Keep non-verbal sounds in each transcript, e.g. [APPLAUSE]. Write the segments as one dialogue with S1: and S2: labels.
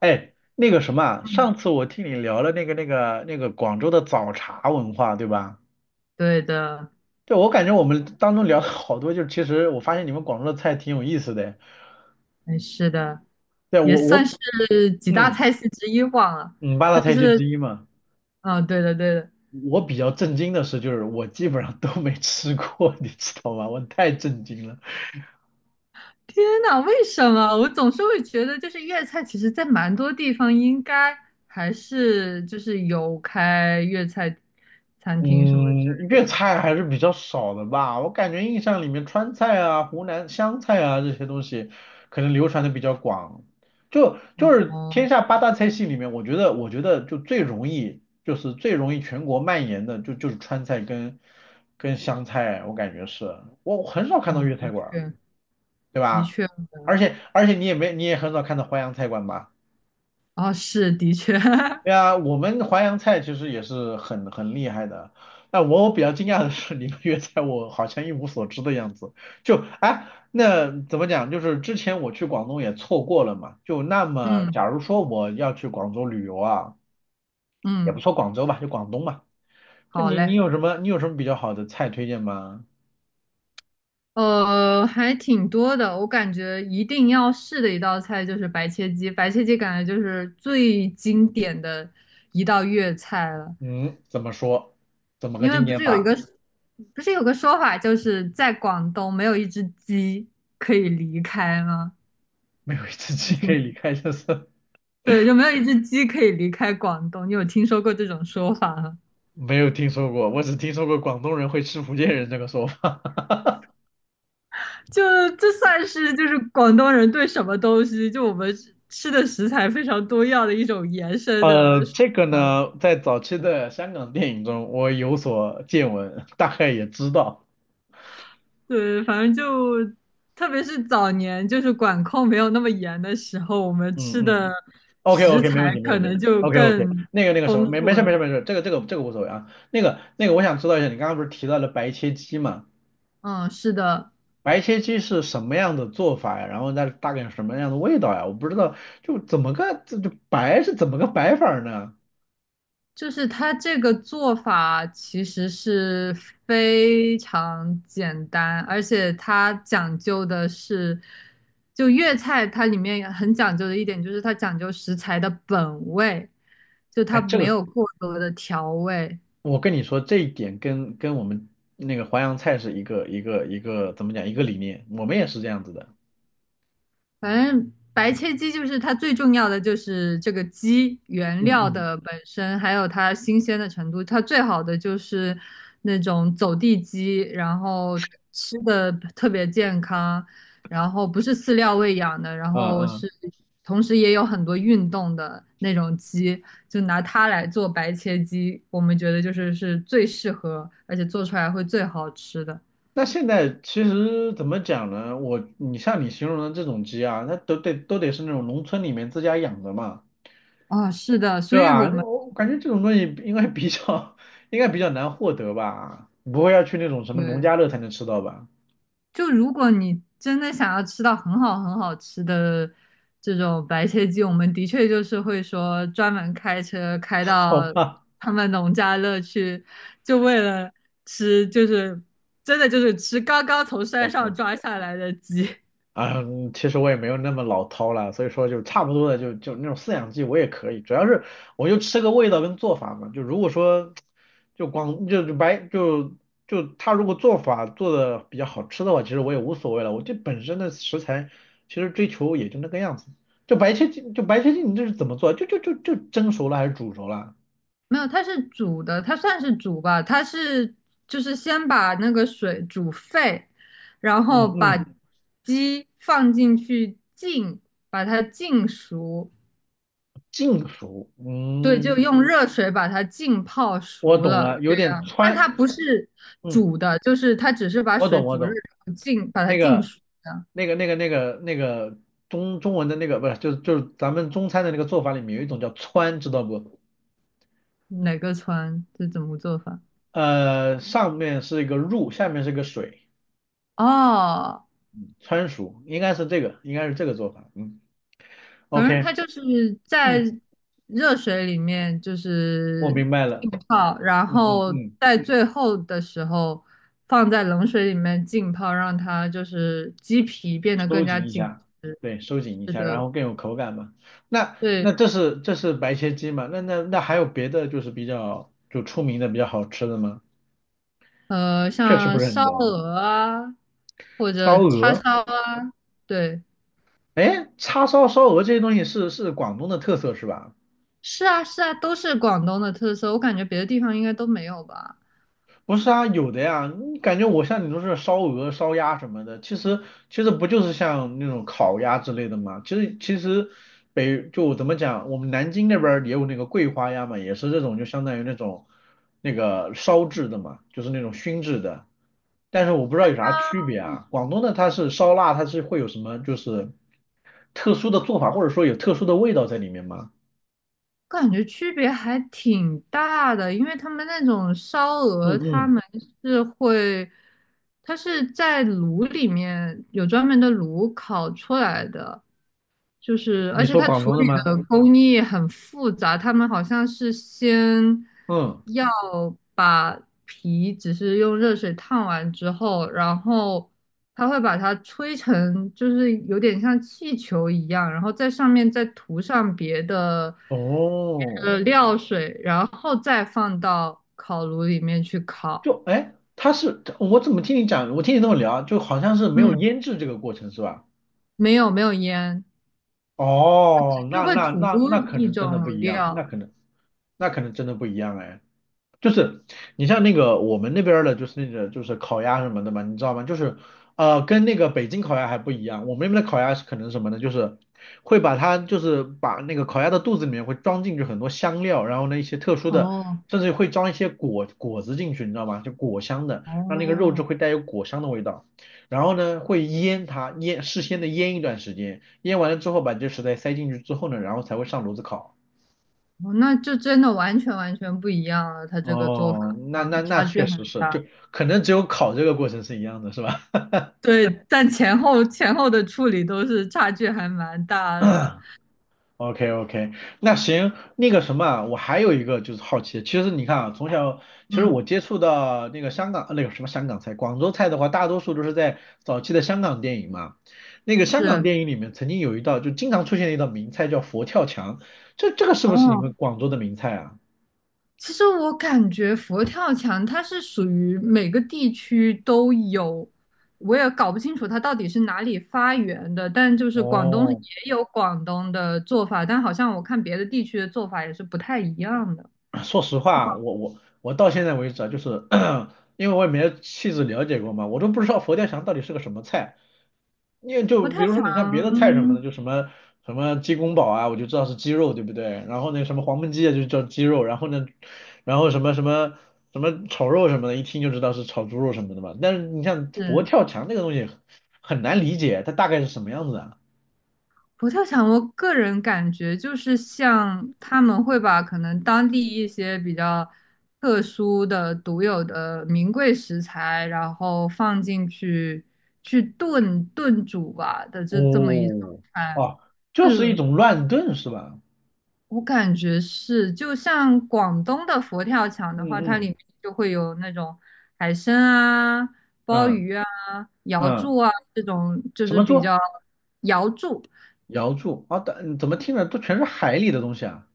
S1: 哎，那个什么啊，
S2: 嗯，
S1: 上次我听你聊了那个广州的早茶文化，对吧？
S2: 对的。
S1: 对，我感觉我们当中聊了好多，就是其实我发现你们广州的菜挺有意思的。
S2: 哎，是的，
S1: 对，
S2: 也
S1: 我
S2: 算
S1: 我
S2: 是几大
S1: 嗯
S2: 菜系之一吧。
S1: 嗯，八
S2: 它
S1: 大菜系之
S2: 是，
S1: 一嘛。
S2: 对的，对的。
S1: 我比较震惊的是，就是我基本上都没吃过，[LAUGHS] 你知道吗？我太震惊了。
S2: 天呐，为什么我总是会觉得，就是粤菜，其实在蛮多地方应该还是就是有开粤菜餐厅什么之
S1: 嗯，
S2: 类
S1: 粤
S2: 的。
S1: 菜还是比较少的吧。我感觉印象里面，川菜啊、湖南湘菜啊这些东西，可能流传的比较广。就就
S2: 哦
S1: 是天
S2: 哦
S1: 下八大菜系里面，我觉得就是最容易全国蔓延的，就是川菜跟湘菜，我感觉是，我很少看到
S2: 哦，
S1: 粤菜
S2: 的
S1: 馆儿，
S2: 确，
S1: 对
S2: 的
S1: 吧？
S2: 确，
S1: 而且你也没你也很少看到淮扬菜馆吧？
S2: 哦，是的确。
S1: 对啊，我们淮扬菜其实也是很厉害的。那我比较惊讶的是，你们粤菜我好像一无所知的样子。就哎，那怎么讲？就是之前我去广东也错过了嘛。就那
S2: [LAUGHS]
S1: 么，
S2: 嗯
S1: 假如说我要去广州旅游啊，也不
S2: 嗯，
S1: 说广州吧，就广东嘛。就
S2: 好
S1: 你你
S2: 嘞。
S1: 有什么你有什么比较好的菜推荐吗？
S2: 还挺多的。我感觉一定要试的一道菜就是白切鸡，白切鸡感觉就是最经典的一道粤菜了。
S1: 嗯，怎么说？怎么个
S2: 因为
S1: 经
S2: 不
S1: 典
S2: 是有一
S1: 法？
S2: 个，不是有个说法，就是在广东没有一只鸡可以离开吗？
S1: 没有一次
S2: 我
S1: 鸡可以离
S2: 听，
S1: 开，[LAUGHS] 就是。
S2: 对，就没有一只鸡可以离开广东。你有听说过这种说法吗？
S1: 没有听说过。我只听说过广东人会吃福建人这个说法。
S2: 就这算是就是广东人对什么东西，就我们吃的食材非常多样的一种延伸的说
S1: 这个
S2: 法了。
S1: 呢，在早期的香港电影中，我有所见闻，大概也知道。
S2: 对，反正就特别是早年，就是管控没有那么严的时候，我们
S1: 嗯
S2: 吃的
S1: 嗯，OK，
S2: 食
S1: OK，没问
S2: 材
S1: 题，没问
S2: 可
S1: 题。
S2: 能就
S1: OK， OK，
S2: 更
S1: 那个什么，
S2: 丰
S1: 没没
S2: 富
S1: 事没
S2: 了。
S1: 事，没事，这个无所谓啊。那个，我想知道一下，你刚刚不是提到了白切鸡嘛？
S2: 嗯，是的，
S1: 白切鸡是什么样的做法呀？然后那大概是什么样的味道呀？我不知道，就怎么个这就白是怎么个白法儿呢？
S2: 就是它这个做法其实是非常简单，而且它讲究的是，就粤菜它里面很讲究的一点就是它讲究食材的本味，就它
S1: 哎，这
S2: 没
S1: 个
S2: 有过多的调味。
S1: 我跟你说，这一点跟我们那个淮扬菜是一个一个一个怎么讲，一个理念，我们也是这样子的。
S2: 反正白切鸡就是它最重要的就是这个鸡原
S1: 嗯
S2: 料
S1: 嗯
S2: 的本身，还有它新鲜的程度。它最好的就是那种走地鸡，然后吃的特别健康，然后不是饲料喂养的，然
S1: 嗯
S2: 后
S1: 嗯。
S2: 是同时也有很多运动的那种鸡，就拿它来做白切鸡，我们觉得就是是最适合，而且做出来会最好吃的。
S1: 那现在其实怎么讲呢？像你形容的这种鸡啊，那都得是那种农村里面自家养的嘛，
S2: 啊，是的，所
S1: 对
S2: 以我
S1: 吧？
S2: 们
S1: 我感觉这种东西应该比较 [LAUGHS] 应该比较难获得吧，不会要去那种什么农
S2: 对。
S1: 家乐才能吃到吧？
S2: 就如果你真的想要吃到很好很好吃的这种白切鸡，我们的确就是会说专门开车
S1: [LAUGHS]
S2: 开
S1: 好
S2: 到
S1: 吧
S2: 他们农家乐去，就为了吃，就是真的就是吃刚刚从山上
S1: ，OK。
S2: 抓下来的鸡。[LAUGHS]
S1: 嗯，其实我也没有那么老饕了，所以说就差不多的就那种饲养鸡我也可以，主要是我就吃个味道跟做法嘛。就如果说就光就就白就就他如果做法做的比较好吃的话，其实我也无所谓了。我这本身的食材其实追求也就那个样子。就白切鸡，你这是怎么做？就蒸熟了还是煮熟了？
S2: 没有，它是煮的，它算是煮吧，它是就是先把那个水煮沸，然后
S1: 嗯
S2: 把
S1: 嗯，
S2: 鸡放进去浸，把它浸熟。
S1: 净熟。
S2: 对，就
S1: 嗯，
S2: 用热水把它浸泡
S1: 我
S2: 熟
S1: 懂
S2: 了，
S1: 了，有点
S2: 但它
S1: 川。
S2: 不是
S1: 嗯。
S2: 煮的，就是它只是把
S1: 我
S2: 水
S1: 懂，我
S2: 煮热，
S1: 懂。
S2: 然后把它
S1: 那
S2: 浸
S1: 个、
S2: 熟的。
S1: 那个中文的那个不是，就是咱们中餐的那个做法里面有一种叫川，知道不？
S2: 哪个川这怎么做法？
S1: 上面是一个入，下面是个水，
S2: 哦，
S1: 川蜀应该是这个，应该是这个做法。嗯
S2: 反正
S1: ，OK，
S2: 它就是在
S1: 嗯，
S2: 热水里面就
S1: 我
S2: 是
S1: 明白了。
S2: 浸泡，然
S1: 嗯嗯
S2: 后
S1: 嗯，
S2: 在最后的时候放在冷水里面浸泡，让它就是鸡皮变得
S1: 收
S2: 更加
S1: 紧一
S2: 紧
S1: 下，
S2: 实。
S1: 对，收紧一
S2: 是
S1: 下，然
S2: 的，
S1: 后更有口感嘛。那
S2: 对。
S1: 那这是白切鸡嘛？那还有别的，就是比较出名的比较好吃的吗？确实不
S2: 像
S1: 是很
S2: 烧
S1: 懂。
S2: 鹅啊，或
S1: 烧
S2: 者叉
S1: 鹅。
S2: 烧啊，对，
S1: 哎，叉烧、烧鹅这些东西是广东的特色是吧？
S2: 是啊是啊，都是广东的特色，我感觉别的地方应该都没有吧。
S1: 不是啊，有的呀。你感觉我像你都是烧鹅、烧鸭什么的，其实不就是像那种烤鸭之类的吗？其实就怎么讲，我们南京那边儿也有那个桂花鸭嘛，也是这种就相当于那种那个烧制的嘛，就是那种熏制的。但是我不知道
S2: 但
S1: 有
S2: 它
S1: 啥区别啊。广东的它是烧腊，它是会有什么就是特殊的做法，或者说有特殊的味道在里面吗？
S2: 感觉区别还挺大的，因为他们那种烧
S1: 嗯
S2: 鹅，他
S1: 嗯，
S2: 们是会，它是在炉里面有专门的炉烤出来的，就是，而
S1: 你
S2: 且
S1: 说
S2: 它
S1: 广
S2: 处
S1: 东的
S2: 理
S1: 吗？
S2: 的工艺很复杂，他们好像是先
S1: 嗯，
S2: 要把皮只是用热水烫完之后，然后他会把它吹成，就是有点像气球一样，然后在上面再涂上别
S1: 哦，
S2: 的料水，然后再放到烤炉里面去烤。
S1: 就哎，我怎么听你讲，我听你这么聊，就好像是没有
S2: 嗯，
S1: 腌制这个过程是吧？
S2: 没有烟，
S1: 哦，
S2: 就
S1: 那
S2: 会
S1: 那
S2: 涂
S1: 那那可
S2: 一
S1: 能真的不
S2: 种
S1: 一样，
S2: 料。
S1: 那可能真的不一样哎。就是你像那个我们那边儿的，就是那个烤鸭什么的嘛，你知道吗？就是跟那个北京烤鸭还不一样。我们那边的烤鸭是可能什么呢？就是把那个烤鸭的肚子里面会装进去很多香料，然后呢一些特殊的，
S2: 哦
S1: 甚至会装一些果子进去，你知道吗？就果香的，让那个肉质
S2: 哦，
S1: 会带有果香的味道。然后呢会腌它，腌事先的腌一段时间，腌完了之后把这些食材塞进去之后呢，然后才会上炉子烤。
S2: 哦，那就真的完全不一样了，他这个做法
S1: 哦，那
S2: 啊，
S1: 那那
S2: 差距
S1: 确实
S2: 很
S1: 是，就
S2: 大。
S1: 可能只有考这个过程是一样的，是吧
S2: 对，但前后的处理都是差距还蛮大的。
S1: [CLEARS THROAT]？OK， OK，那行，那个什么啊，我还有一个就是好奇，其实你看啊，从小其实
S2: 嗯，
S1: 我接触到那个香港，呃那个什么香港菜，广州菜的话，大多数都是在早期的香港电影嘛。那个香港
S2: 是。
S1: 电影里面曾经有一道就经常出现的一道名菜叫佛跳墙，这个是不是你
S2: 哦，
S1: 们广州的名菜啊？
S2: 其实我感觉佛跳墙它是属于每个地区都有，我也搞不清楚它到底是哪里发源的，但就是广东也
S1: 哦
S2: 有广东的做法，但好像我看别的地区的做法也是不太一样的。
S1: [CLEARS THROAT] 说实话，我到现在为止啊，[CLEARS THROAT] 因为我也没有细致了解过嘛，我都不知道佛跳墙到底是个什么菜。因为
S2: 佛
S1: 就
S2: 跳
S1: 比如说你像别的菜什么的，
S2: 墙
S1: 就什么鸡公煲啊，我就知道是鸡肉，对不对？然后那什么黄焖鸡啊，就叫鸡肉，然后呢，然后什么炒肉什么的，一听就知道是炒猪肉什么的嘛。但是你像佛
S2: 是。
S1: 跳墙那个东西很难理解，它大概是什么样子啊？
S2: 佛跳墙，我个人感觉就是像他们会把可能当地一些比较特殊的、独有的名贵食材，然后放进去去炖煮吧的这么一种
S1: 哦
S2: 菜。
S1: 哦，就是一
S2: 是，
S1: 种乱炖是吧？
S2: 我感觉是，就像广东的佛跳墙
S1: 嗯
S2: 的话，它里
S1: 嗯
S2: 面就会有那种海参啊、鲍
S1: 嗯
S2: 鱼啊、瑶柱
S1: 嗯，
S2: 啊这种，就
S1: 什
S2: 是
S1: 么
S2: 比
S1: 做？
S2: 较瑶柱。
S1: 瑶柱啊，但怎么听着都全是海里的东西啊？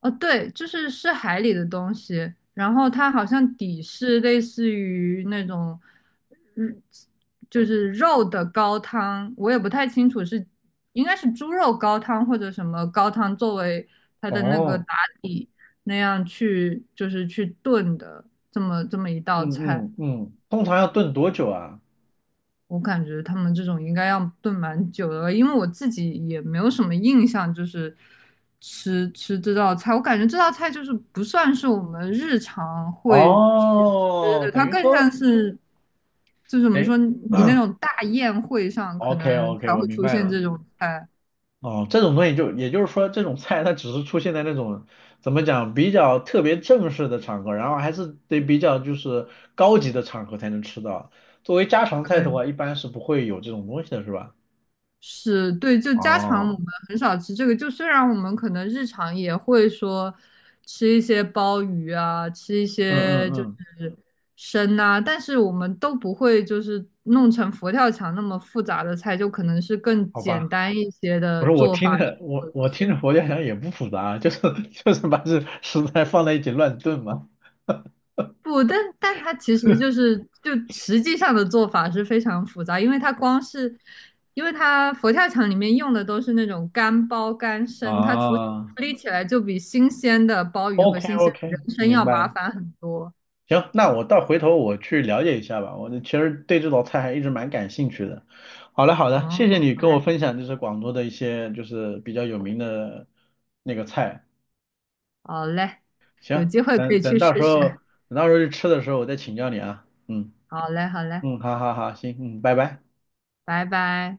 S2: 哦，对，就是是海里的东西，然后它好像底是类似于那种，嗯，就是肉的高汤，我也不太清楚是，应该是猪肉高汤或者什么高汤作为它的那个
S1: 哦，
S2: 打底那样去，就是去炖的这么一道
S1: 嗯
S2: 菜。
S1: 嗯嗯，通常要炖多久啊？
S2: 我感觉他们这种应该要炖蛮久的了，因为我自己也没有什么印象，就是吃这道菜，我感觉这道菜就是不算是我们日常会去吃
S1: 哦，
S2: 的，
S1: 等
S2: 它
S1: 于
S2: 更像
S1: 说，
S2: 是，就是怎么
S1: 哎
S2: 说，你那种大宴会上可
S1: ，OK，
S2: 能
S1: OK，[CLEARS THROAT]
S2: 才
S1: 我
S2: 会
S1: 明
S2: 出
S1: 白
S2: 现
S1: 了。
S2: 这种菜。
S1: 哦，这种东西就也就是说，这种菜它只是出现在那种怎么讲比较特别正式的场合，然后还是得比较就是高级的场合才能吃到。作为家常菜的话，
S2: 呃
S1: 一般是不会有这种东西的，是吧？
S2: 是，对，就家常我
S1: 哦，
S2: 们很少吃这个。就虽然我们可能日常也会说吃一些鲍鱼啊，吃一
S1: 嗯嗯
S2: 些就
S1: 嗯，
S2: 是参呐、但是我们都不会就是弄成佛跳墙那么复杂的菜，就可能是更
S1: 好
S2: 简
S1: 吧。
S2: 单一些
S1: 不
S2: 的
S1: 是我
S2: 做法
S1: 听
S2: 去
S1: 着，我
S2: 做这
S1: 我听
S2: 些。
S1: 着，佛跳墙也不复杂啊，[LAUGHS] 就是把这食材放在一起乱炖嘛。
S2: 不，但它其实就
S1: [LAUGHS]
S2: 是就实际上的做法是非常复杂，因为它光是，因为它佛跳墙里面用的都是那种干鲍干参，它处
S1: 啊
S2: 理起来就比新鲜的鲍鱼和
S1: ，OK，
S2: 新鲜的
S1: OK，
S2: 人参
S1: 明
S2: 要
S1: 白
S2: 麻
S1: 了。
S2: 烦很多。
S1: 行，那回头我去了解一下吧。我其实对这道菜还一直蛮感兴趣的。好的好的，
S2: 哦，
S1: 谢谢你
S2: 好
S1: 跟我
S2: 嘞，
S1: 分享就是广州的一些就是比较有名的那个菜。
S2: 好嘞，有
S1: 行，
S2: 机会可
S1: 等
S2: 以
S1: 等
S2: 去试
S1: 到时
S2: 试。
S1: 候等到时候去吃的时候我再请教你啊。嗯
S2: 好嘞，好嘞，
S1: 嗯，好好好，行，嗯，拜拜。
S2: 拜拜。